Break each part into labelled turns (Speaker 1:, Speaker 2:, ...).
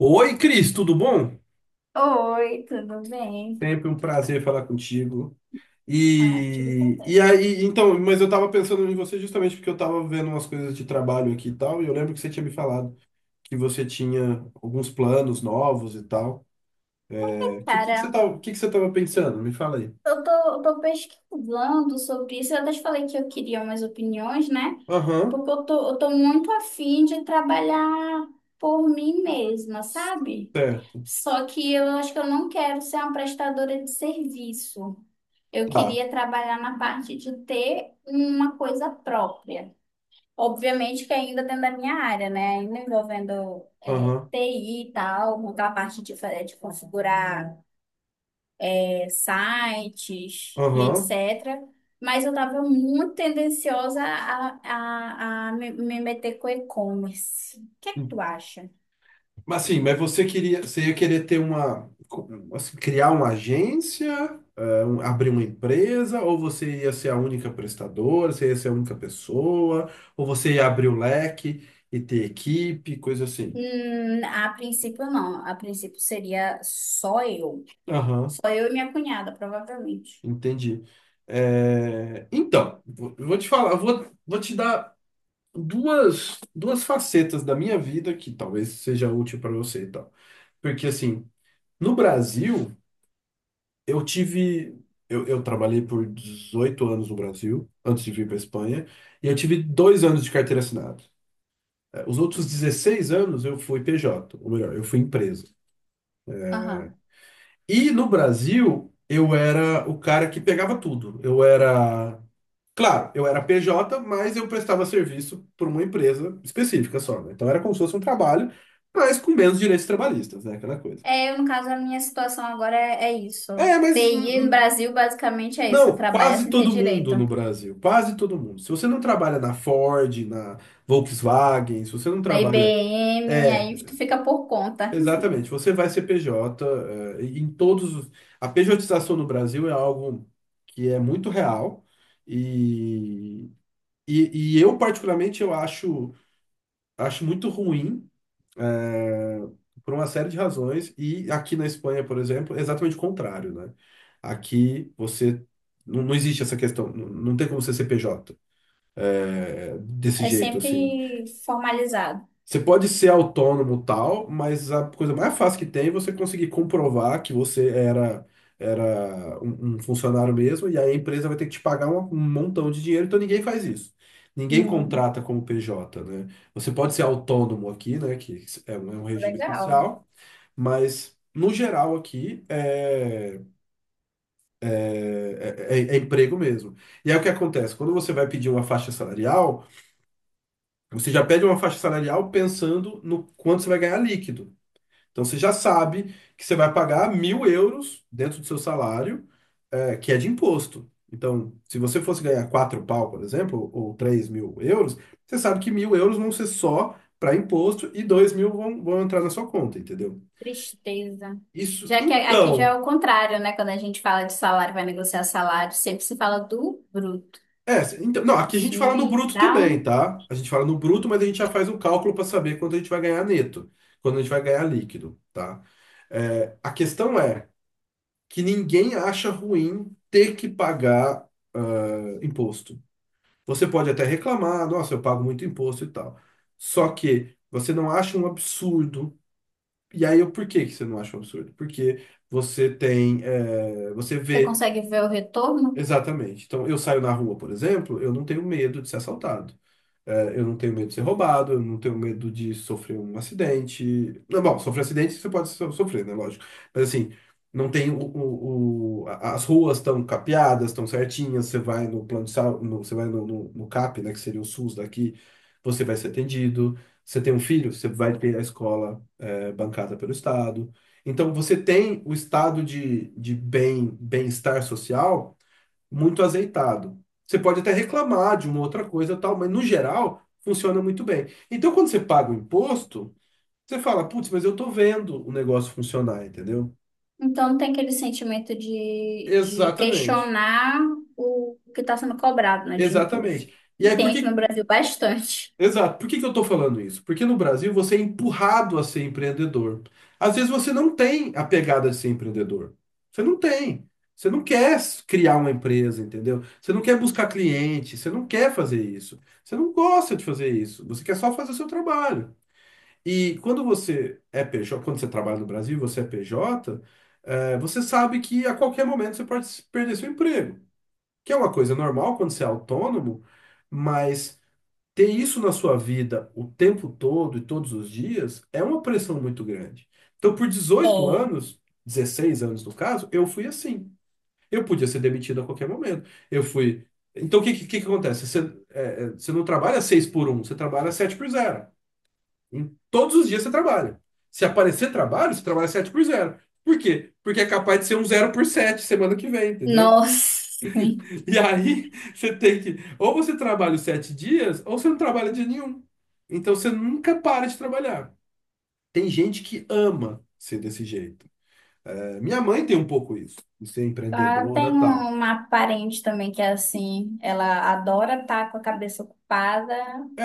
Speaker 1: Oi, Cris, tudo bom?
Speaker 2: Oi, tudo bem?
Speaker 1: Sempre um prazer falar contigo.
Speaker 2: Ah, tudo
Speaker 1: E
Speaker 2: também.
Speaker 1: aí, então, mas eu tava pensando em você justamente porque eu tava vendo umas coisas de trabalho aqui e tal, e eu lembro que você tinha me falado que você tinha alguns planos novos e tal. É, que, que, que você
Speaker 2: Cara,
Speaker 1: tava, que, que você tava pensando? Me fala aí.
Speaker 2: eu tô, eu tô pesquisando sobre isso. Eu até te falei que eu queria umas opiniões, né?
Speaker 1: Aham,
Speaker 2: Porque eu tô muito afim de trabalhar por mim mesma, sabe?
Speaker 1: certo.
Speaker 2: Só que eu acho que eu não quero ser uma prestadora de serviço. Eu
Speaker 1: Tá.
Speaker 2: queria trabalhar na parte de ter uma coisa própria. Obviamente que ainda dentro da minha área, né? Ainda envolvendo
Speaker 1: Aham,
Speaker 2: TI e tal, montar a parte de, de configurar sites e
Speaker 1: aham.
Speaker 2: etc. Mas eu estava muito tendenciosa a me meter com e-commerce. O que é que tu acha?
Speaker 1: Mas sim, mas você ia querer ter uma, assim, criar uma agência, abrir uma empresa, ou você ia ser a única prestadora, você ia ser a única pessoa, ou você ia abrir o leque e ter equipe, coisa assim.
Speaker 2: A princípio, não. A princípio seria só eu.
Speaker 1: Aham,
Speaker 2: Só eu e minha cunhada, provavelmente.
Speaker 1: entendi. Então, vou te falar, vou te dar duas facetas da minha vida que talvez seja útil para você e tal. Porque assim, no Brasil, Eu tive. eu trabalhei por 18 anos no Brasil, antes de vir para Espanha, e eu tive 2 anos de carteira assinada. Os outros 16 anos eu fui PJ, ou melhor, eu fui empresa.
Speaker 2: Aham.
Speaker 1: E no Brasil, eu era o cara que pegava tudo. Eu era. Claro, eu era PJ, mas eu prestava serviço por uma empresa específica só, né? Então era como se fosse um trabalho, mas com menos direitos trabalhistas, né? Aquela coisa.
Speaker 2: É, eu, no caso, a minha situação agora é isso.
Speaker 1: É, mas.
Speaker 2: TI no
Speaker 1: hum,
Speaker 2: Brasil basicamente é isso,
Speaker 1: Não,
Speaker 2: trabalha
Speaker 1: quase
Speaker 2: sem ter
Speaker 1: todo mundo
Speaker 2: direito.
Speaker 1: no Brasil, quase todo mundo. Se você não trabalha na Ford, na Volkswagen, se você não
Speaker 2: Na
Speaker 1: trabalha.
Speaker 2: IBM, aí
Speaker 1: É,
Speaker 2: tu fica por conta.
Speaker 1: exatamente, você vai ser PJ, em todos os. A pejotização no Brasil é algo que é muito real, e, e eu, particularmente, acho muito ruim, é, por uma série de razões. E aqui na Espanha, por exemplo, é exatamente o contrário, né? Aqui você não, não existe essa questão, não tem como ser CPJ, desse
Speaker 2: É
Speaker 1: jeito assim.
Speaker 2: sempre formalizado.
Speaker 1: Você pode ser autônomo tal, mas a coisa mais fácil que tem é você conseguir comprovar que você era um funcionário mesmo, e aí a empresa vai ter que te pagar um montão de dinheiro, então ninguém faz isso. Ninguém
Speaker 2: Hum,
Speaker 1: contrata como PJ, né? Você pode ser autônomo aqui, né? Que é um regime
Speaker 2: legal.
Speaker 1: especial, mas, no geral, aqui é, é emprego mesmo. E aí o que acontece? Quando você vai pedir uma faixa salarial, você já pede uma faixa salarial pensando no quanto você vai ganhar líquido. Então você já sabe que você vai pagar 1.000 euros dentro do seu salário, que é de imposto. Então, se você fosse ganhar quatro pau, por exemplo, ou 3.000 euros, você sabe que 1.000 euros vão ser só para imposto e 2.000 vão entrar na sua conta, entendeu?
Speaker 2: Tristeza.
Speaker 1: Isso.
Speaker 2: Já que aqui já é
Speaker 1: Então,
Speaker 2: o contrário, né? Quando a gente fala de salário, vai negociar salário, sempre se fala do bruto.
Speaker 1: é, então, não, aqui a
Speaker 2: Isso
Speaker 1: gente fala no
Speaker 2: me
Speaker 1: bruto
Speaker 2: dá
Speaker 1: também,
Speaker 2: um.
Speaker 1: tá? A gente fala no bruto, mas a gente já faz um cálculo para saber quanto a gente vai ganhar neto, quando a gente vai ganhar líquido, tá? É, a questão é que ninguém acha ruim ter que pagar, ah, imposto. Você pode até reclamar, nossa, eu pago muito imposto e tal. Só que você não acha um absurdo. E aí, por que que você não acha um absurdo? Porque você
Speaker 2: Você
Speaker 1: vê
Speaker 2: consegue ver o retorno?
Speaker 1: exatamente. Então, eu saio na rua, por exemplo, eu não tenho medo de ser assaltado. É, eu não tenho medo de ser roubado, eu não tenho medo de sofrer um acidente. Não, bom, sofrer acidente você pode sofrer, né? Lógico. Mas assim, não tem as ruas estão capeadas, estão certinhas, você vai no plano de saúde, você vai no CAP, né? Que seria o SUS daqui, você vai ser atendido. Você tem um filho, você vai ter a escola, bancada pelo Estado. Então você tem o estado de bem-estar social muito azeitado. Você pode até reclamar de uma outra coisa e tal, mas no geral funciona muito bem. Então, quando você paga o imposto, você fala, putz, mas eu tô vendo o negócio funcionar, entendeu?
Speaker 2: Então tem aquele sentimento de
Speaker 1: Exatamente.
Speaker 2: questionar o que está sendo cobrado, né, de imposto.
Speaker 1: Exatamente. E
Speaker 2: E
Speaker 1: aí, por
Speaker 2: tem aqui no
Speaker 1: que
Speaker 2: Brasil bastante.
Speaker 1: Exato. Por que que eu estou falando isso? Porque no Brasil você é empurrado a ser empreendedor. Às vezes você não tem a pegada de ser empreendedor. Você não tem. Você não quer criar uma empresa, entendeu? Você não quer buscar cliente, você não quer fazer isso. Você não gosta de fazer isso. Você quer só fazer o seu trabalho. E quando você é PJ, quando você trabalha no Brasil, você é PJ, você sabe que a qualquer momento você pode perder seu emprego, que é uma coisa normal quando você é autônomo. Mas ter isso na sua vida o tempo todo e todos os dias é uma pressão muito grande. Então, por dezoito
Speaker 2: É.
Speaker 1: anos, 16 anos no caso, eu fui assim. Eu podia ser demitido a qualquer momento. Eu fui. Então, o que que acontece? Você não trabalha 6 por um, você trabalha 7 por zero. Todos os dias você trabalha. Se aparecer trabalho, você trabalha 7 por zero. Por quê? Porque é capaz de ser um zero por 7 semana que vem, entendeu?
Speaker 2: Nossa. Sim.
Speaker 1: E aí, ou você trabalha os sete dias, ou você não trabalha dia nenhum. Então, você nunca para de trabalhar. Tem gente que ama ser desse jeito. É, minha mãe tem um pouco isso, de ser
Speaker 2: Ah,
Speaker 1: empreendedora
Speaker 2: tem
Speaker 1: e tal.
Speaker 2: uma parente também que é assim, ela adora estar com a cabeça ocupada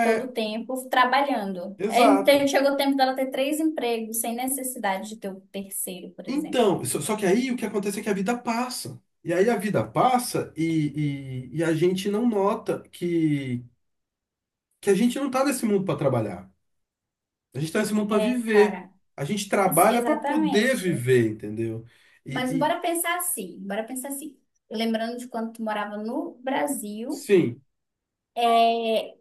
Speaker 2: todo o tempo trabalhando. É, então
Speaker 1: exato.
Speaker 2: chegou o tempo dela ter três empregos sem necessidade de ter o terceiro, por exemplo.
Speaker 1: Então, só que aí o que acontece é que a vida passa. E aí a vida passa, e a gente não nota que a gente não está nesse mundo para trabalhar. A gente está nesse mundo para
Speaker 2: É,
Speaker 1: viver.
Speaker 2: cara,
Speaker 1: A gente trabalha para poder
Speaker 2: exatamente.
Speaker 1: viver, entendeu?
Speaker 2: Mas
Speaker 1: E, e-
Speaker 2: bora pensar assim, bora pensar assim. Lembrando de quando tu morava no Brasil,
Speaker 1: Sim.
Speaker 2: é,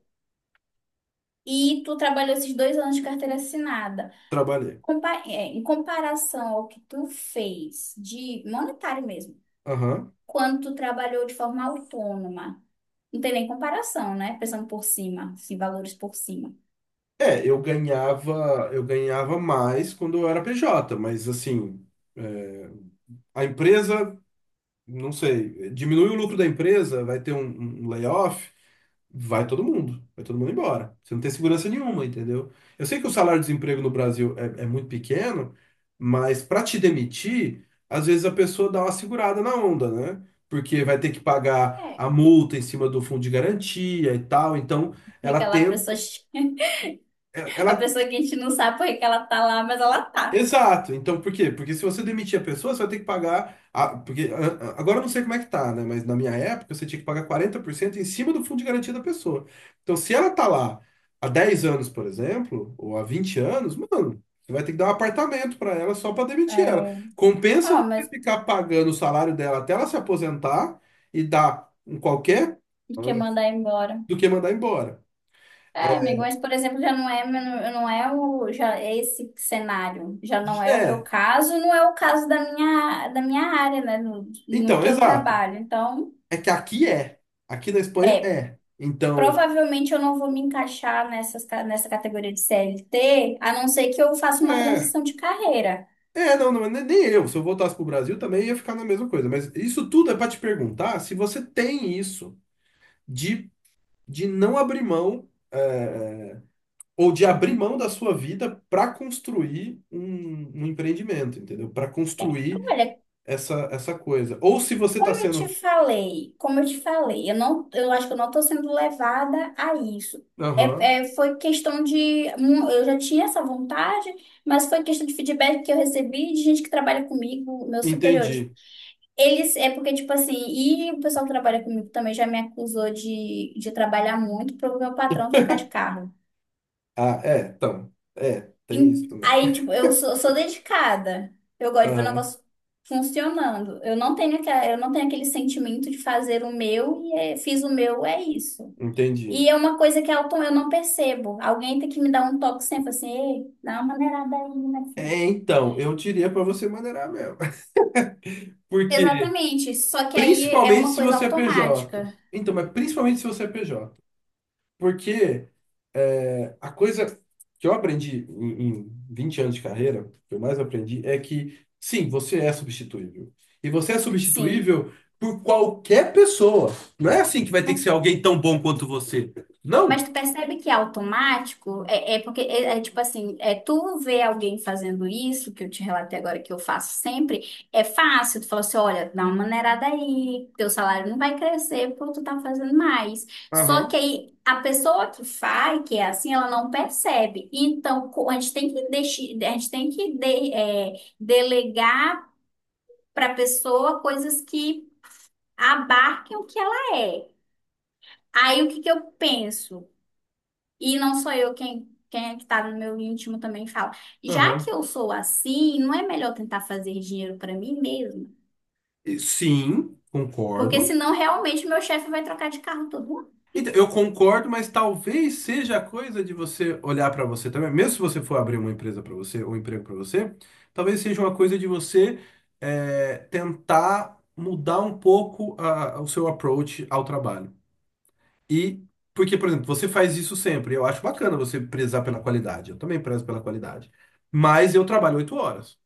Speaker 2: e tu trabalhou esses 2 anos de carteira assinada.
Speaker 1: Trabalhei.
Speaker 2: Em comparação ao que tu fez de monetário mesmo,
Speaker 1: Aham.
Speaker 2: quando tu trabalhou de forma autônoma, não tem nem comparação, né? Pensando por cima, assim, valores por cima.
Speaker 1: É, eu ganhava mais quando eu era PJ, mas assim, é, a empresa, não sei, diminui o lucro da empresa, vai ter um layoff, vai todo mundo embora. Você não tem segurança nenhuma, entendeu? Eu sei que o salário-desemprego no Brasil é muito pequeno, mas para te demitir, às vezes a pessoa dá uma segurada na onda, né? Porque vai ter que pagar
Speaker 2: É,
Speaker 1: a multa em cima do fundo de garantia e tal, então ela
Speaker 2: fica lá a pessoa,
Speaker 1: tenta. Ela,
Speaker 2: a
Speaker 1: ela-
Speaker 2: pessoa que a gente não sabe por que que ela tá lá, mas ela tá.
Speaker 1: Exato. Então, por quê? Porque se você demitir a pessoa, você vai ter que pagar. Agora eu não sei como é que tá, né? Mas na minha época, você tinha que pagar 40% em cima do fundo de garantia da pessoa. Então, se ela tá lá há 10 anos, por exemplo, ou há 20 anos, mano, você vai ter que dar um apartamento para ela só para demitir ela.
Speaker 2: É.
Speaker 1: Compensa
Speaker 2: Ó,
Speaker 1: você
Speaker 2: mas
Speaker 1: ficar pagando o salário dela até ela se aposentar e dar um qualquer
Speaker 2: quer mandar embora.
Speaker 1: do que mandar embora.
Speaker 2: É, amigo, mas por exemplo, já não é, não é o, já é esse cenário, já não é o meu
Speaker 1: É,
Speaker 2: caso, não é o caso da minha área, né, no
Speaker 1: então,
Speaker 2: que eu
Speaker 1: exato.
Speaker 2: trabalho. Então,
Speaker 1: É que aqui é. Aqui na Espanha
Speaker 2: é,
Speaker 1: é. Então,
Speaker 2: provavelmente eu não vou me encaixar nessa categoria de CLT, a não ser que eu faça uma
Speaker 1: é.
Speaker 2: transição de carreira.
Speaker 1: É, não, nem eu. Se eu voltasse pro Brasil também ia ficar na mesma coisa. Mas isso tudo é para te perguntar se você tem isso de, de não abrir mão, ou de abrir mão da sua vida para construir um empreendimento, entendeu? Para construir
Speaker 2: Olha.
Speaker 1: essa coisa. Ou se você tá
Speaker 2: Como eu te
Speaker 1: sendo.
Speaker 2: falei, como eu te falei, eu não, eu acho que eu não estou sendo levada a isso.
Speaker 1: Aham,
Speaker 2: É, é, foi questão de, eu já tinha essa vontade, mas foi questão de feedback que eu recebi de gente que trabalha comigo, meus superiores.
Speaker 1: entendi.
Speaker 2: Eles, é porque, tipo assim, e o pessoal que trabalha comigo também já me acusou de trabalhar muito para o meu patrão trocar de carro.
Speaker 1: Ah, é, então. É, tem isso também.
Speaker 2: Aí, tipo, eu sou dedicada. Eu gosto de ver o
Speaker 1: Aham,
Speaker 2: negócio funcionando. Eu não tenho aquela, eu não tenho aquele sentimento de fazer o meu e fiz o meu, é isso.
Speaker 1: entendi.
Speaker 2: E é uma coisa que Elton, eu não percebo. Alguém tem que me dar um toque sempre assim, ei, dá uma maneirada aí, minha filha.
Speaker 1: É, então, eu diria para você maneirar mesmo. Porque,
Speaker 2: Exatamente. Só que aí é
Speaker 1: principalmente
Speaker 2: uma
Speaker 1: se
Speaker 2: coisa
Speaker 1: você é PJ.
Speaker 2: automática.
Speaker 1: Então, mas principalmente se você é PJ. Porque, a coisa que eu aprendi em 20 anos de carreira, que eu mais aprendi, é que, sim, você é substituível. E você é
Speaker 2: Sim.
Speaker 1: substituível por qualquer pessoa. Não é assim que vai ter que ser alguém tão bom quanto você.
Speaker 2: Mas
Speaker 1: Não.
Speaker 2: tu percebe que é automático? É, porque, é tipo assim, é tu ver alguém fazendo isso, que eu te relatei agora que eu faço sempre, é fácil. Tu fala assim, olha, dá uma maneirada aí, teu salário não vai crescer porque tu tá fazendo mais. Só que
Speaker 1: Aham,
Speaker 2: aí, a pessoa que faz, que é assim, ela não percebe. Então, a gente tem que a gente tem que delegar para pessoa coisas que abarquem o que ela é. Aí, o que que eu penso? E não sou eu quem é que tá no meu íntimo também fala. Já que
Speaker 1: aham.
Speaker 2: eu sou assim, não é melhor tentar fazer dinheiro pra mim mesma?
Speaker 1: E sim,
Speaker 2: Porque
Speaker 1: concordo.
Speaker 2: senão realmente meu chefe vai trocar de carro todo ano.
Speaker 1: Então, eu concordo, mas talvez seja a coisa de você olhar para você também, mesmo se você for abrir uma empresa para você, ou um emprego para você, talvez seja uma coisa de você, tentar mudar um pouco o seu approach ao trabalho. E porque, por exemplo, você faz isso sempre, eu acho bacana você prezar pela qualidade, eu também prezo pela qualidade, mas eu trabalho 8 horas.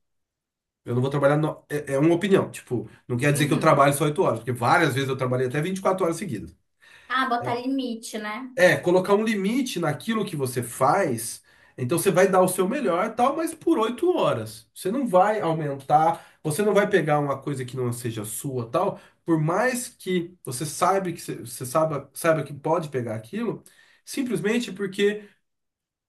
Speaker 1: Eu não vou trabalhar. É uma opinião. Tipo, não quer dizer que eu
Speaker 2: Uhum.
Speaker 1: trabalho só 8 horas, porque várias vezes eu trabalhei até 24 horas seguidas.
Speaker 2: Ah, botar limite, né?
Speaker 1: É, colocar um limite naquilo que você faz. Então você vai dar o seu melhor, e tal, mas por 8 horas. Você não vai aumentar, você não vai pegar uma coisa que não seja sua, tal. Por mais que você saiba que você você saiba, saiba que pode pegar aquilo, simplesmente porque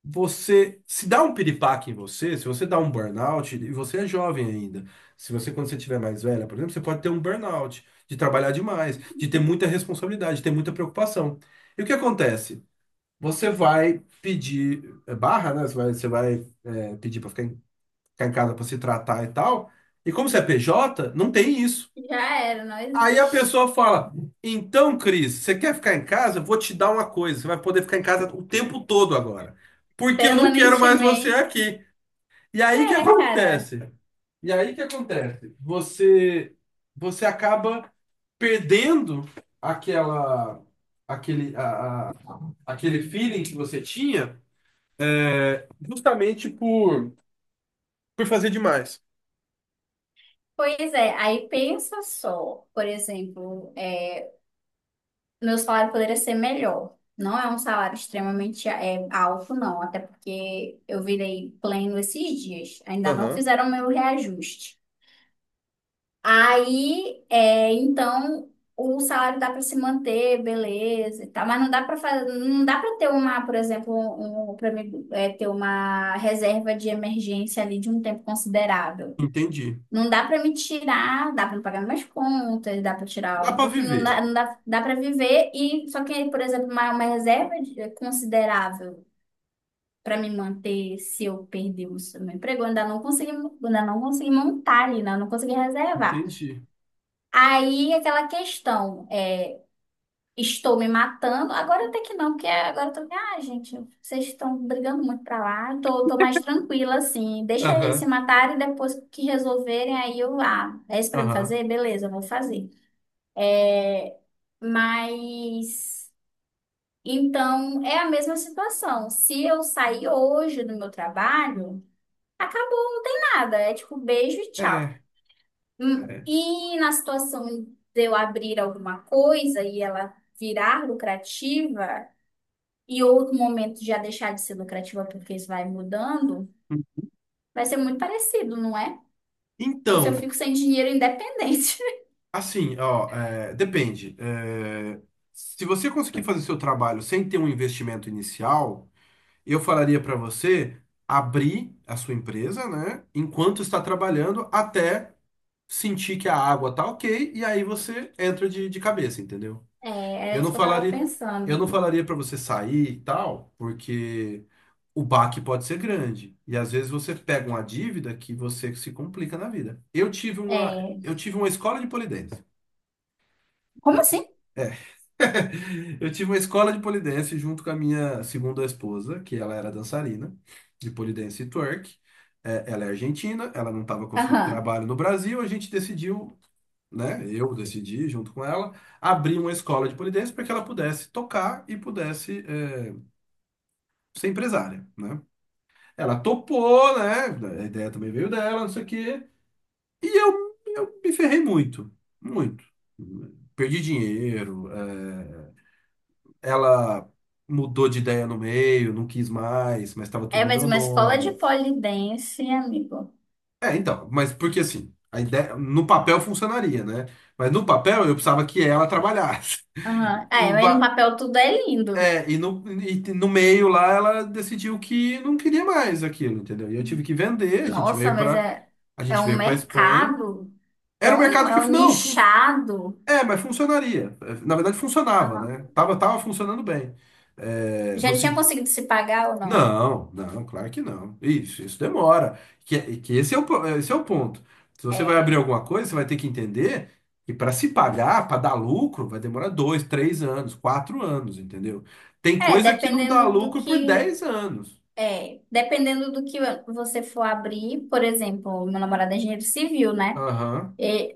Speaker 1: você se dá um piripaque em você, se você dá um burnout, e você é jovem ainda. Se você, quando você estiver mais velha, por exemplo, você pode ter um burnout, de trabalhar demais, de ter muita responsabilidade, de ter muita preocupação. E o que acontece? Você vai pedir, barra, né? Você vai pedir para ficar em casa para se tratar e tal. E como você é PJ, não tem isso.
Speaker 2: Já era, não
Speaker 1: Aí a
Speaker 2: existe.
Speaker 1: pessoa fala: Então, Cris, você quer ficar em casa? Eu vou te dar uma coisa. Você vai poder ficar em casa o tempo todo agora. Porque eu não quero mais você
Speaker 2: Permanentemente.
Speaker 1: aqui. E aí o que
Speaker 2: É, cara.
Speaker 1: acontece? E aí o que acontece? Você acaba perdendo aquela, aquele, a- aquele feeling que você tinha. Justamente por fazer demais.
Speaker 2: Pois é, aí pensa só, por exemplo, meu salário poderia ser melhor. Não é um salário extremamente alto, não. Até porque eu virei pleno esses dias. Ainda não
Speaker 1: Aham.
Speaker 2: fizeram meu reajuste. Aí, então, o salário dá para se manter, beleza, e tal, mas não dá para fazer, não dá para ter uma, por exemplo, um, para mim, ter uma reserva de emergência ali de um tempo considerável.
Speaker 1: Entendi.
Speaker 2: Não dá para me tirar, dá para pagar minhas contas, dá para tirar
Speaker 1: Dá
Speaker 2: um
Speaker 1: pra
Speaker 2: pouquinho, não dá,
Speaker 1: viver.
Speaker 2: não dá, dá para viver e só que, por exemplo, uma reserva considerável para me manter se eu perder meu emprego, eu ainda não consegui montar ali, né? Eu não consegui reservar.
Speaker 1: Entendi.
Speaker 2: Aí aquela questão, estou me matando. Agora até que não, porque agora eu tô, ah, gente, vocês estão brigando muito pra lá. Eu tô mais tranquila, assim. Deixa eles se
Speaker 1: Aham,
Speaker 2: matarem, depois que resolverem, aí eu, ah, é isso pra me
Speaker 1: aham.
Speaker 2: fazer? Beleza, eu vou fazer. Mas, então, é a mesma situação. Se eu sair hoje do meu trabalho, acabou, não tem nada. É tipo, beijo e
Speaker 1: É,
Speaker 2: tchau. Hum,
Speaker 1: é.
Speaker 2: E na situação de eu abrir alguma coisa e ela virar lucrativa, e outro momento já deixar de ser lucrativa porque isso vai mudando, vai ser muito parecido, não é? Ou se eu
Speaker 1: Então,
Speaker 2: fico sem dinheiro independente.
Speaker 1: assim, ó, depende. Se você conseguir fazer seu trabalho sem ter um investimento inicial, eu falaria pra você abrir a sua empresa, né, enquanto está trabalhando, até sentir que a água tá ok, e aí você entra de cabeça, entendeu?
Speaker 2: É, era
Speaker 1: Eu
Speaker 2: isso
Speaker 1: não
Speaker 2: que eu tava
Speaker 1: falaria, eu não
Speaker 2: pensando.
Speaker 1: falaria para você sair e tal, porque o baque pode ser grande. E às vezes você pega uma dívida que você se complica na vida. Eu tive uma,
Speaker 2: É,
Speaker 1: eu tive uma escola de pole dance.
Speaker 2: como assim?
Speaker 1: Eu tive uma escola de pole dance junto com a minha segunda esposa, que ela era dançarina de pole dance e twerk. Ela é argentina, ela não estava conseguindo
Speaker 2: Aham.
Speaker 1: trabalho no Brasil, a gente decidiu, né? Eu decidi, junto com ela, abrir uma escola de pole dance para que ela pudesse tocar e pudesse ser empresária, né? Ela topou, né? A ideia também veio dela, não sei o quê. E eu me ferrei muito, muito. Perdi dinheiro, ela mudou de ideia no meio, não quis mais, mas estava tudo
Speaker 2: É,
Speaker 1: no
Speaker 2: mas
Speaker 1: meu
Speaker 2: uma escola de
Speaker 1: nome.
Speaker 2: pole dance, amigo.
Speaker 1: Então, mas porque assim, a ideia no papel funcionaria, né? Mas no papel eu precisava que ela trabalhasse.
Speaker 2: Aham. Ah,
Speaker 1: E,
Speaker 2: é, mas no
Speaker 1: ba-
Speaker 2: papel tudo é lindo.
Speaker 1: e no meio lá ela decidiu que não queria mais aquilo, entendeu? E eu tive que vender, a gente
Speaker 2: Nossa,
Speaker 1: veio
Speaker 2: mas
Speaker 1: para
Speaker 2: é,
Speaker 1: a
Speaker 2: é
Speaker 1: gente
Speaker 2: um
Speaker 1: veio para Espanha.
Speaker 2: mercado
Speaker 1: Era um mercado
Speaker 2: é
Speaker 1: que
Speaker 2: um
Speaker 1: não,
Speaker 2: nichado.
Speaker 1: mas funcionaria. Na verdade funcionava,
Speaker 2: Aham.
Speaker 1: né? Tava funcionando bem. É, no,
Speaker 2: Já tinha
Speaker 1: sen-
Speaker 2: conseguido se pagar ou não?
Speaker 1: não, não, claro que não. Isso demora. Que esse é o ponto. Se você vai abrir
Speaker 2: É.
Speaker 1: alguma coisa, você vai ter que entender que para se pagar, para dar lucro, vai demorar dois, três anos, quatro anos, entendeu? Tem
Speaker 2: É,
Speaker 1: coisa que não dá
Speaker 2: dependendo do
Speaker 1: lucro por
Speaker 2: que
Speaker 1: 10 anos.
Speaker 2: Dependendo do que você for abrir, por exemplo, meu namorado é engenheiro civil, né?
Speaker 1: Aham.
Speaker 2: E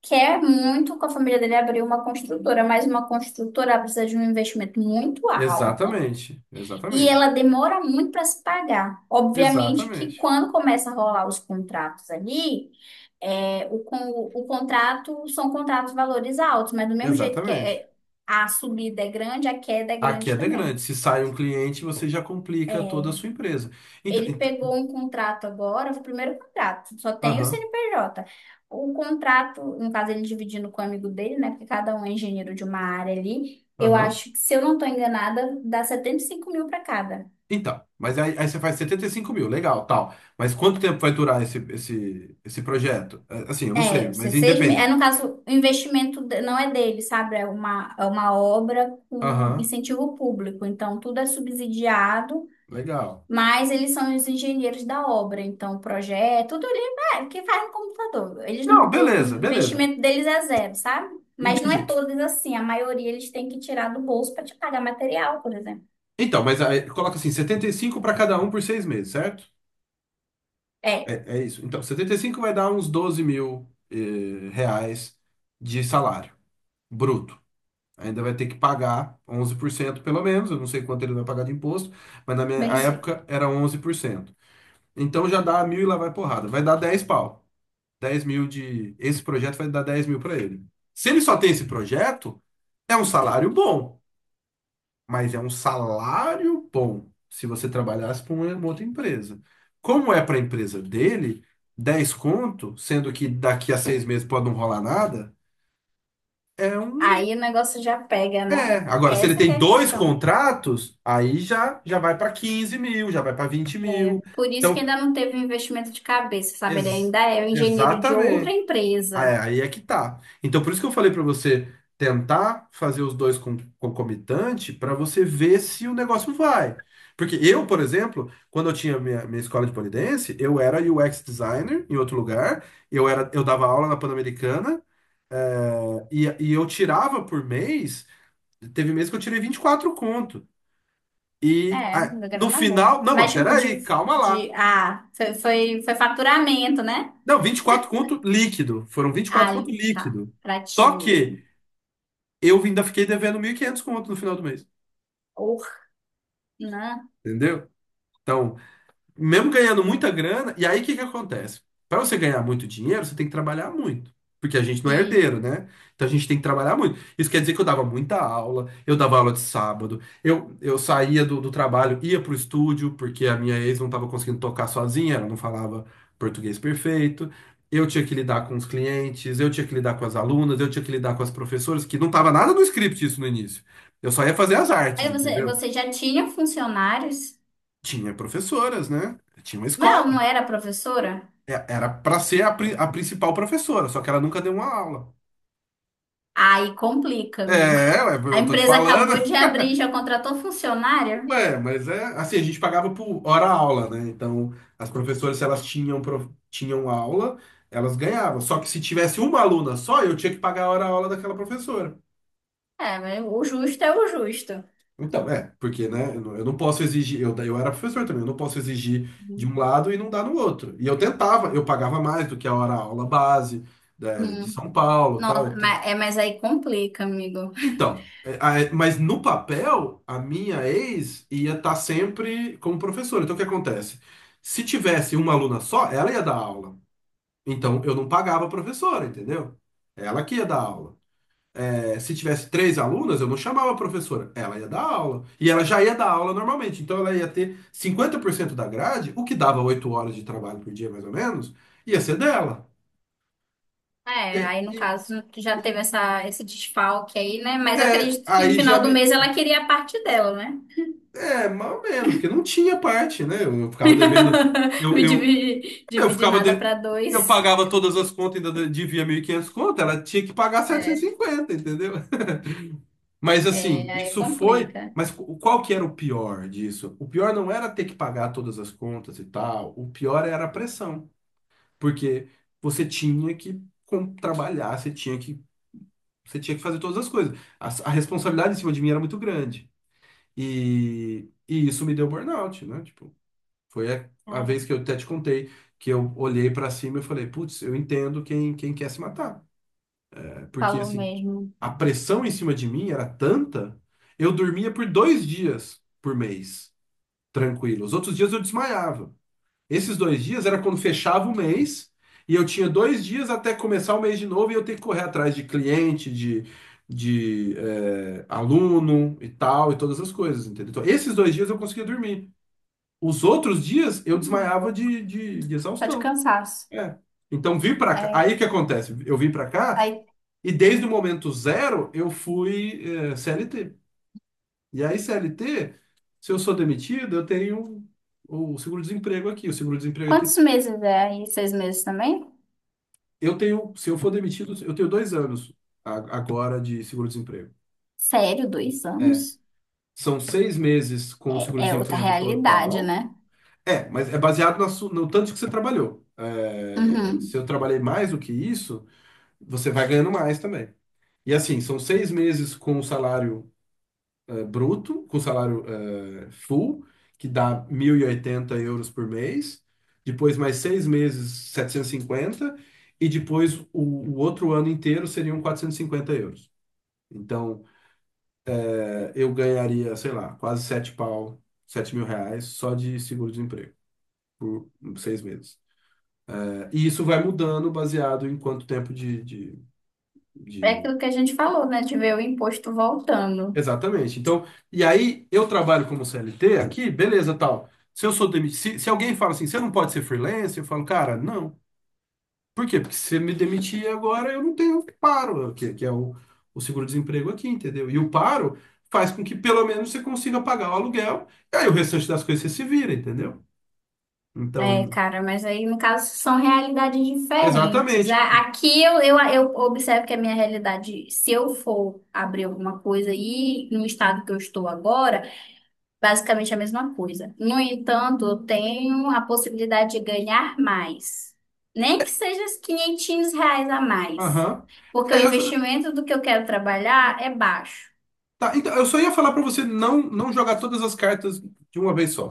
Speaker 2: quer muito com a família dele abrir uma construtora, mas uma construtora precisa de um investimento muito alto
Speaker 1: Exatamente,
Speaker 2: e ela
Speaker 1: exatamente,
Speaker 2: demora muito para se pagar. Obviamente que
Speaker 1: exatamente,
Speaker 2: quando começa a rolar os contratos ali, o contrato são contratos valores altos, mas do mesmo jeito que
Speaker 1: exatamente.
Speaker 2: a subida é grande, a queda é
Speaker 1: A
Speaker 2: grande
Speaker 1: queda é
Speaker 2: também.
Speaker 1: grande. Se sai um cliente, você já complica toda a sua empresa. Então,
Speaker 2: Ele
Speaker 1: então,
Speaker 2: pegou um contrato agora, foi o primeiro contrato, só tem o
Speaker 1: aham,
Speaker 2: CNPJ. O contrato, no caso, ele dividindo com o amigo dele, né? Porque cada um é engenheiro de uma área ali. Eu
Speaker 1: aham.
Speaker 2: acho que, se eu não estou enganada, dá 75 mil para cada.
Speaker 1: Então, mas aí você faz 75 mil, legal, tal. Mas quanto tempo vai durar esse projeto? Assim, eu não sei,
Speaker 2: É, os
Speaker 1: mas
Speaker 2: seis É,
Speaker 1: independe.
Speaker 2: no caso, o investimento não é dele, sabe? É uma obra com
Speaker 1: Aham,
Speaker 2: incentivo público. Então, tudo é subsidiado.
Speaker 1: legal.
Speaker 2: Mas eles são os engenheiros da obra, então projeto, tudo ali o que faz no computador. Eles não,
Speaker 1: Não,
Speaker 2: o
Speaker 1: beleza, beleza.
Speaker 2: investimento deles é zero, sabe? Mas não é
Speaker 1: Entendi.
Speaker 2: todos assim, a maioria eles têm que tirar do bolso para te pagar material, por exemplo.
Speaker 1: Então, mas aí coloca assim, 75 para cada um por 6 meses, certo?
Speaker 2: É,
Speaker 1: É, é isso. Então, 75 vai dar uns 12 mil reais de salário bruto. Ainda vai ter que pagar 11% pelo menos, eu não sei quanto ele vai pagar de imposto, mas na minha
Speaker 2: bem sei.
Speaker 1: época era 11%. Então já dá mil e lá vai porrada. Vai dar 10 pau. 10 mil de. Esse projeto vai dar 10 mil para ele. Se ele só tem esse projeto, é um salário bom. Mas é um salário bom se você trabalhasse para uma outra empresa. Como é para a empresa dele, 10 conto, sendo que daqui a 6 meses pode não rolar nada, é um.
Speaker 2: Aí o negócio já pega,
Speaker 1: É.
Speaker 2: né?
Speaker 1: Agora, se ele
Speaker 2: Essa que
Speaker 1: tem
Speaker 2: é a
Speaker 1: dois
Speaker 2: questão.
Speaker 1: contratos, aí já vai para 15 mil, já vai para 20
Speaker 2: É
Speaker 1: mil.
Speaker 2: por isso que
Speaker 1: Então,
Speaker 2: ainda não teve um investimento de cabeça, sabe? Ele
Speaker 1: ex-
Speaker 2: ainda é o engenheiro de outra
Speaker 1: exatamente. Ah,
Speaker 2: empresa.
Speaker 1: aí é que tá. Então, por isso que eu falei pra você tentar fazer os dois concomitante pra você ver se o negócio vai. Porque eu, por exemplo, quando eu tinha minha escola de pole dance, eu era UX designer em outro lugar, eu dava aula na Pan-Americana e eu tirava por mês, teve mês que eu tirei 24 conto. E
Speaker 2: É, uma
Speaker 1: no
Speaker 2: grana boa.
Speaker 1: final, não,
Speaker 2: Mas
Speaker 1: mas
Speaker 2: tipo de,
Speaker 1: peraí, calma
Speaker 2: de
Speaker 1: lá.
Speaker 2: ah, foi faturamento, né?
Speaker 1: Não, 24 conto líquido, foram 24 conto
Speaker 2: Alho, tá?
Speaker 1: líquido.
Speaker 2: Pra ti
Speaker 1: Só que
Speaker 2: mesmo.
Speaker 1: eu ainda fiquei devendo 1.500 conto no final do mês,
Speaker 2: Or, né?
Speaker 1: entendeu? Então, mesmo ganhando muita grana, e aí o que que acontece? Para você ganhar muito dinheiro, você tem que trabalhar muito. Porque a gente não é
Speaker 2: E
Speaker 1: herdeiro, né? Então a gente tem que trabalhar muito. Isso quer dizer que eu dava muita aula, eu dava aula de sábado, eu saía do trabalho, ia pro estúdio, porque a minha ex não estava conseguindo tocar sozinha, ela não falava português perfeito. Eu tinha que lidar com os clientes, eu tinha que lidar com as alunas, eu tinha que lidar com as professoras, que não estava nada no script isso no início. Eu só ia fazer as artes,
Speaker 2: aí você,
Speaker 1: entendeu?
Speaker 2: você já tinha funcionários,
Speaker 1: Tinha professoras, né? Tinha uma
Speaker 2: mas ela
Speaker 1: escola.
Speaker 2: não era professora?
Speaker 1: Era pra ser a principal professora, só que ela nunca deu uma aula.
Speaker 2: Aí complica, amigo.
Speaker 1: Ué,
Speaker 2: A
Speaker 1: eu tô te
Speaker 2: empresa acabou
Speaker 1: falando.
Speaker 2: de abrir, já contratou funcionário?
Speaker 1: Ué, mas é assim, a gente pagava por hora aula, né? Então, as professoras, se elas tinham aula, elas ganhavam. Só que se tivesse uma aluna só, eu tinha que pagar a hora aula daquela professora.
Speaker 2: É, mas o justo é o justo.
Speaker 1: Então, porque, né, eu não posso exigir, eu era professor também, eu não posso exigir de um lado e não dar no outro. E eu tentava, eu pagava mais do que a hora aula base, né, de
Speaker 2: Hum.
Speaker 1: São Paulo,
Speaker 2: Nossa,
Speaker 1: tal.
Speaker 2: mas aí complica, amigo.
Speaker 1: Então, mas no papel, a minha ex ia estar sempre como professora. Então, o que acontece? Se tivesse uma aluna só, ela ia dar aula. Então, eu não pagava a professora, entendeu? Ela que ia dar aula. Se tivesse três alunas, eu não chamava a professora. Ela ia dar aula. E ela já ia dar aula normalmente. Então, ela ia ter 50% da grade, o que dava 8 horas de trabalho por dia, mais ou menos, ia ser dela. E,
Speaker 2: É, aí no
Speaker 1: e
Speaker 2: caso já teve esse desfalque aí, né? Mas eu acredito que no
Speaker 1: aí já
Speaker 2: final do
Speaker 1: me.
Speaker 2: mês ela queria a parte dela, né?
Speaker 1: É, mais ou menos, porque não tinha parte, né? Eu ficava devendo. Eu,
Speaker 2: Me
Speaker 1: eu,
Speaker 2: dividir,
Speaker 1: eu
Speaker 2: dividir
Speaker 1: ficava
Speaker 2: nada
Speaker 1: de-
Speaker 2: para
Speaker 1: eu
Speaker 2: dois.
Speaker 1: pagava todas as contas, ainda devia 1.500 conto, ela tinha que pagar setecentos
Speaker 2: É,
Speaker 1: e cinquenta entendeu? Mas
Speaker 2: é,
Speaker 1: assim,
Speaker 2: aí
Speaker 1: isso foi.
Speaker 2: complica.
Speaker 1: Mas qual que era o pior disso? O pior não era ter que pagar todas as contas e tal, o pior era a pressão, porque você tinha que trabalhar, você tinha que fazer todas as coisas. A responsabilidade em cima de mim era muito grande. E isso me deu burnout, né? Tipo. Foi a
Speaker 2: Cara,
Speaker 1: vez que eu até te contei, que eu olhei pra cima e falei, putz, eu entendo quem quer se matar. Porque,
Speaker 2: falou
Speaker 1: assim,
Speaker 2: mesmo.
Speaker 1: a pressão em cima de mim era tanta, eu dormia por 2 dias por mês, tranquilo. Os outros dias eu desmaiava. Esses 2 dias era quando fechava o mês, e eu tinha 2 dias até começar o mês de novo, e eu ter que correr atrás de cliente, aluno e tal, e todas as coisas, entendeu? Então, esses 2 dias eu conseguia dormir. Os outros dias eu
Speaker 2: Ai, meu
Speaker 1: desmaiava
Speaker 2: corpo.
Speaker 1: de
Speaker 2: Só de
Speaker 1: exaustão.
Speaker 2: cansaço.
Speaker 1: É. Então vim pra cá.
Speaker 2: É,
Speaker 1: Aí o que acontece? Eu vim pra cá
Speaker 2: aí,
Speaker 1: e desde o momento zero eu fui CLT. E aí CLT, se eu sou demitido, eu tenho o seguro-desemprego aqui. O seguro-desemprego aqui,
Speaker 2: quantos meses é aí? 6 meses também?
Speaker 1: eu tenho, se eu for demitido, eu tenho 2 anos agora de seguro-desemprego.
Speaker 2: Sério, dois
Speaker 1: É.
Speaker 2: anos?
Speaker 1: São 6 meses com o
Speaker 2: É outra
Speaker 1: seguro-desemprego
Speaker 2: realidade,
Speaker 1: total.
Speaker 2: né?
Speaker 1: É, mas é baseado no tanto que você trabalhou. É, se
Speaker 2: Uhum.
Speaker 1: eu trabalhei mais do que isso, você vai ganhando mais também. E assim, são seis meses com o salário bruto, com o salário full, que dá 1.080 euros por mês, depois mais 6 meses, 750 e depois o outro ano inteiro seriam 450 euros. Então, eu ganharia, sei lá, quase sete pau, 7 mil reais só de seguro-desemprego. Por seis meses. E isso vai mudando baseado em quanto tempo de, de,
Speaker 2: É
Speaker 1: de
Speaker 2: aquilo que a gente falou, né? De ver o imposto voltando.
Speaker 1: Exatamente. Então, e aí eu trabalho como CLT aqui, beleza, tal. Se eu sou demitido, se alguém fala assim, você não pode ser freelancer, eu falo, cara, não. Por quê? Porque se você me demitir agora, eu não tenho paro, que é o seguro-desemprego aqui, entendeu? E o paro faz com que pelo menos você consiga pagar o aluguel, e aí o restante das coisas você se vira, entendeu?
Speaker 2: É,
Speaker 1: Então,
Speaker 2: cara, mas aí, no caso, são realidades diferentes.
Speaker 1: exatamente.
Speaker 2: Aqui eu observo que a minha realidade, se eu for abrir alguma coisa aí no estado que eu estou agora, basicamente a mesma coisa. No entanto, eu tenho a possibilidade de ganhar mais. Nem que seja os R$ 500 a mais.
Speaker 1: Aham.
Speaker 2: Porque o
Speaker 1: É, eu, só-
Speaker 2: investimento do que eu quero trabalhar é baixo.
Speaker 1: tá, então, eu só ia falar pra você não, não jogar todas as cartas de uma vez só.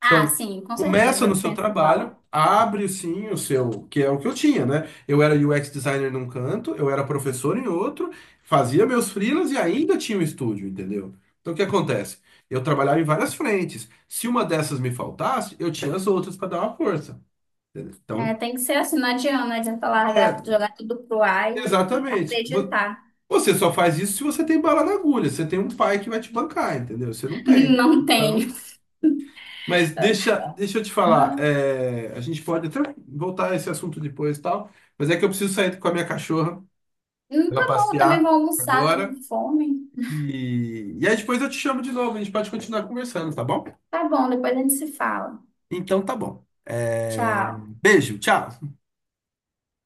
Speaker 2: Ah,
Speaker 1: Então,
Speaker 2: sim, com certeza,
Speaker 1: começa no
Speaker 2: eu
Speaker 1: seu
Speaker 2: penso
Speaker 1: trabalho,
Speaker 2: igual.
Speaker 1: abre sim o seu, que é o que eu tinha, né? Eu era UX designer num canto, eu era professor em outro, fazia meus freelas e ainda tinha um estúdio, entendeu? Então, o que acontece? Eu trabalhava em várias frentes. Se uma dessas me faltasse, eu tinha as outras para dar uma força, entendeu?
Speaker 2: É,
Speaker 1: Então,
Speaker 2: tem que ser assim, não adianta, não adianta
Speaker 1: é,
Speaker 2: largar, jogar tudo pro ar e
Speaker 1: exatamente.
Speaker 2: acreditar.
Speaker 1: Você só faz isso se você tem bala na agulha, você tem um pai que vai te bancar, entendeu? Você não tem.
Speaker 2: Não
Speaker 1: Então,
Speaker 2: tenho.
Speaker 1: mas deixa eu te falar,
Speaker 2: Aham.
Speaker 1: a gente pode até voltar a esse assunto depois e tal, mas é que eu preciso sair com a minha cachorra
Speaker 2: Hum,
Speaker 1: pra
Speaker 2: tá
Speaker 1: ela
Speaker 2: bom, eu também vou
Speaker 1: passear
Speaker 2: almoçar, tô com
Speaker 1: agora.
Speaker 2: fome.
Speaker 1: E aí depois eu te chamo de novo, a gente pode continuar conversando, tá bom?
Speaker 2: Tá bom, depois a gente se fala.
Speaker 1: Então tá bom.
Speaker 2: Tchau.
Speaker 1: Beijo, tchau.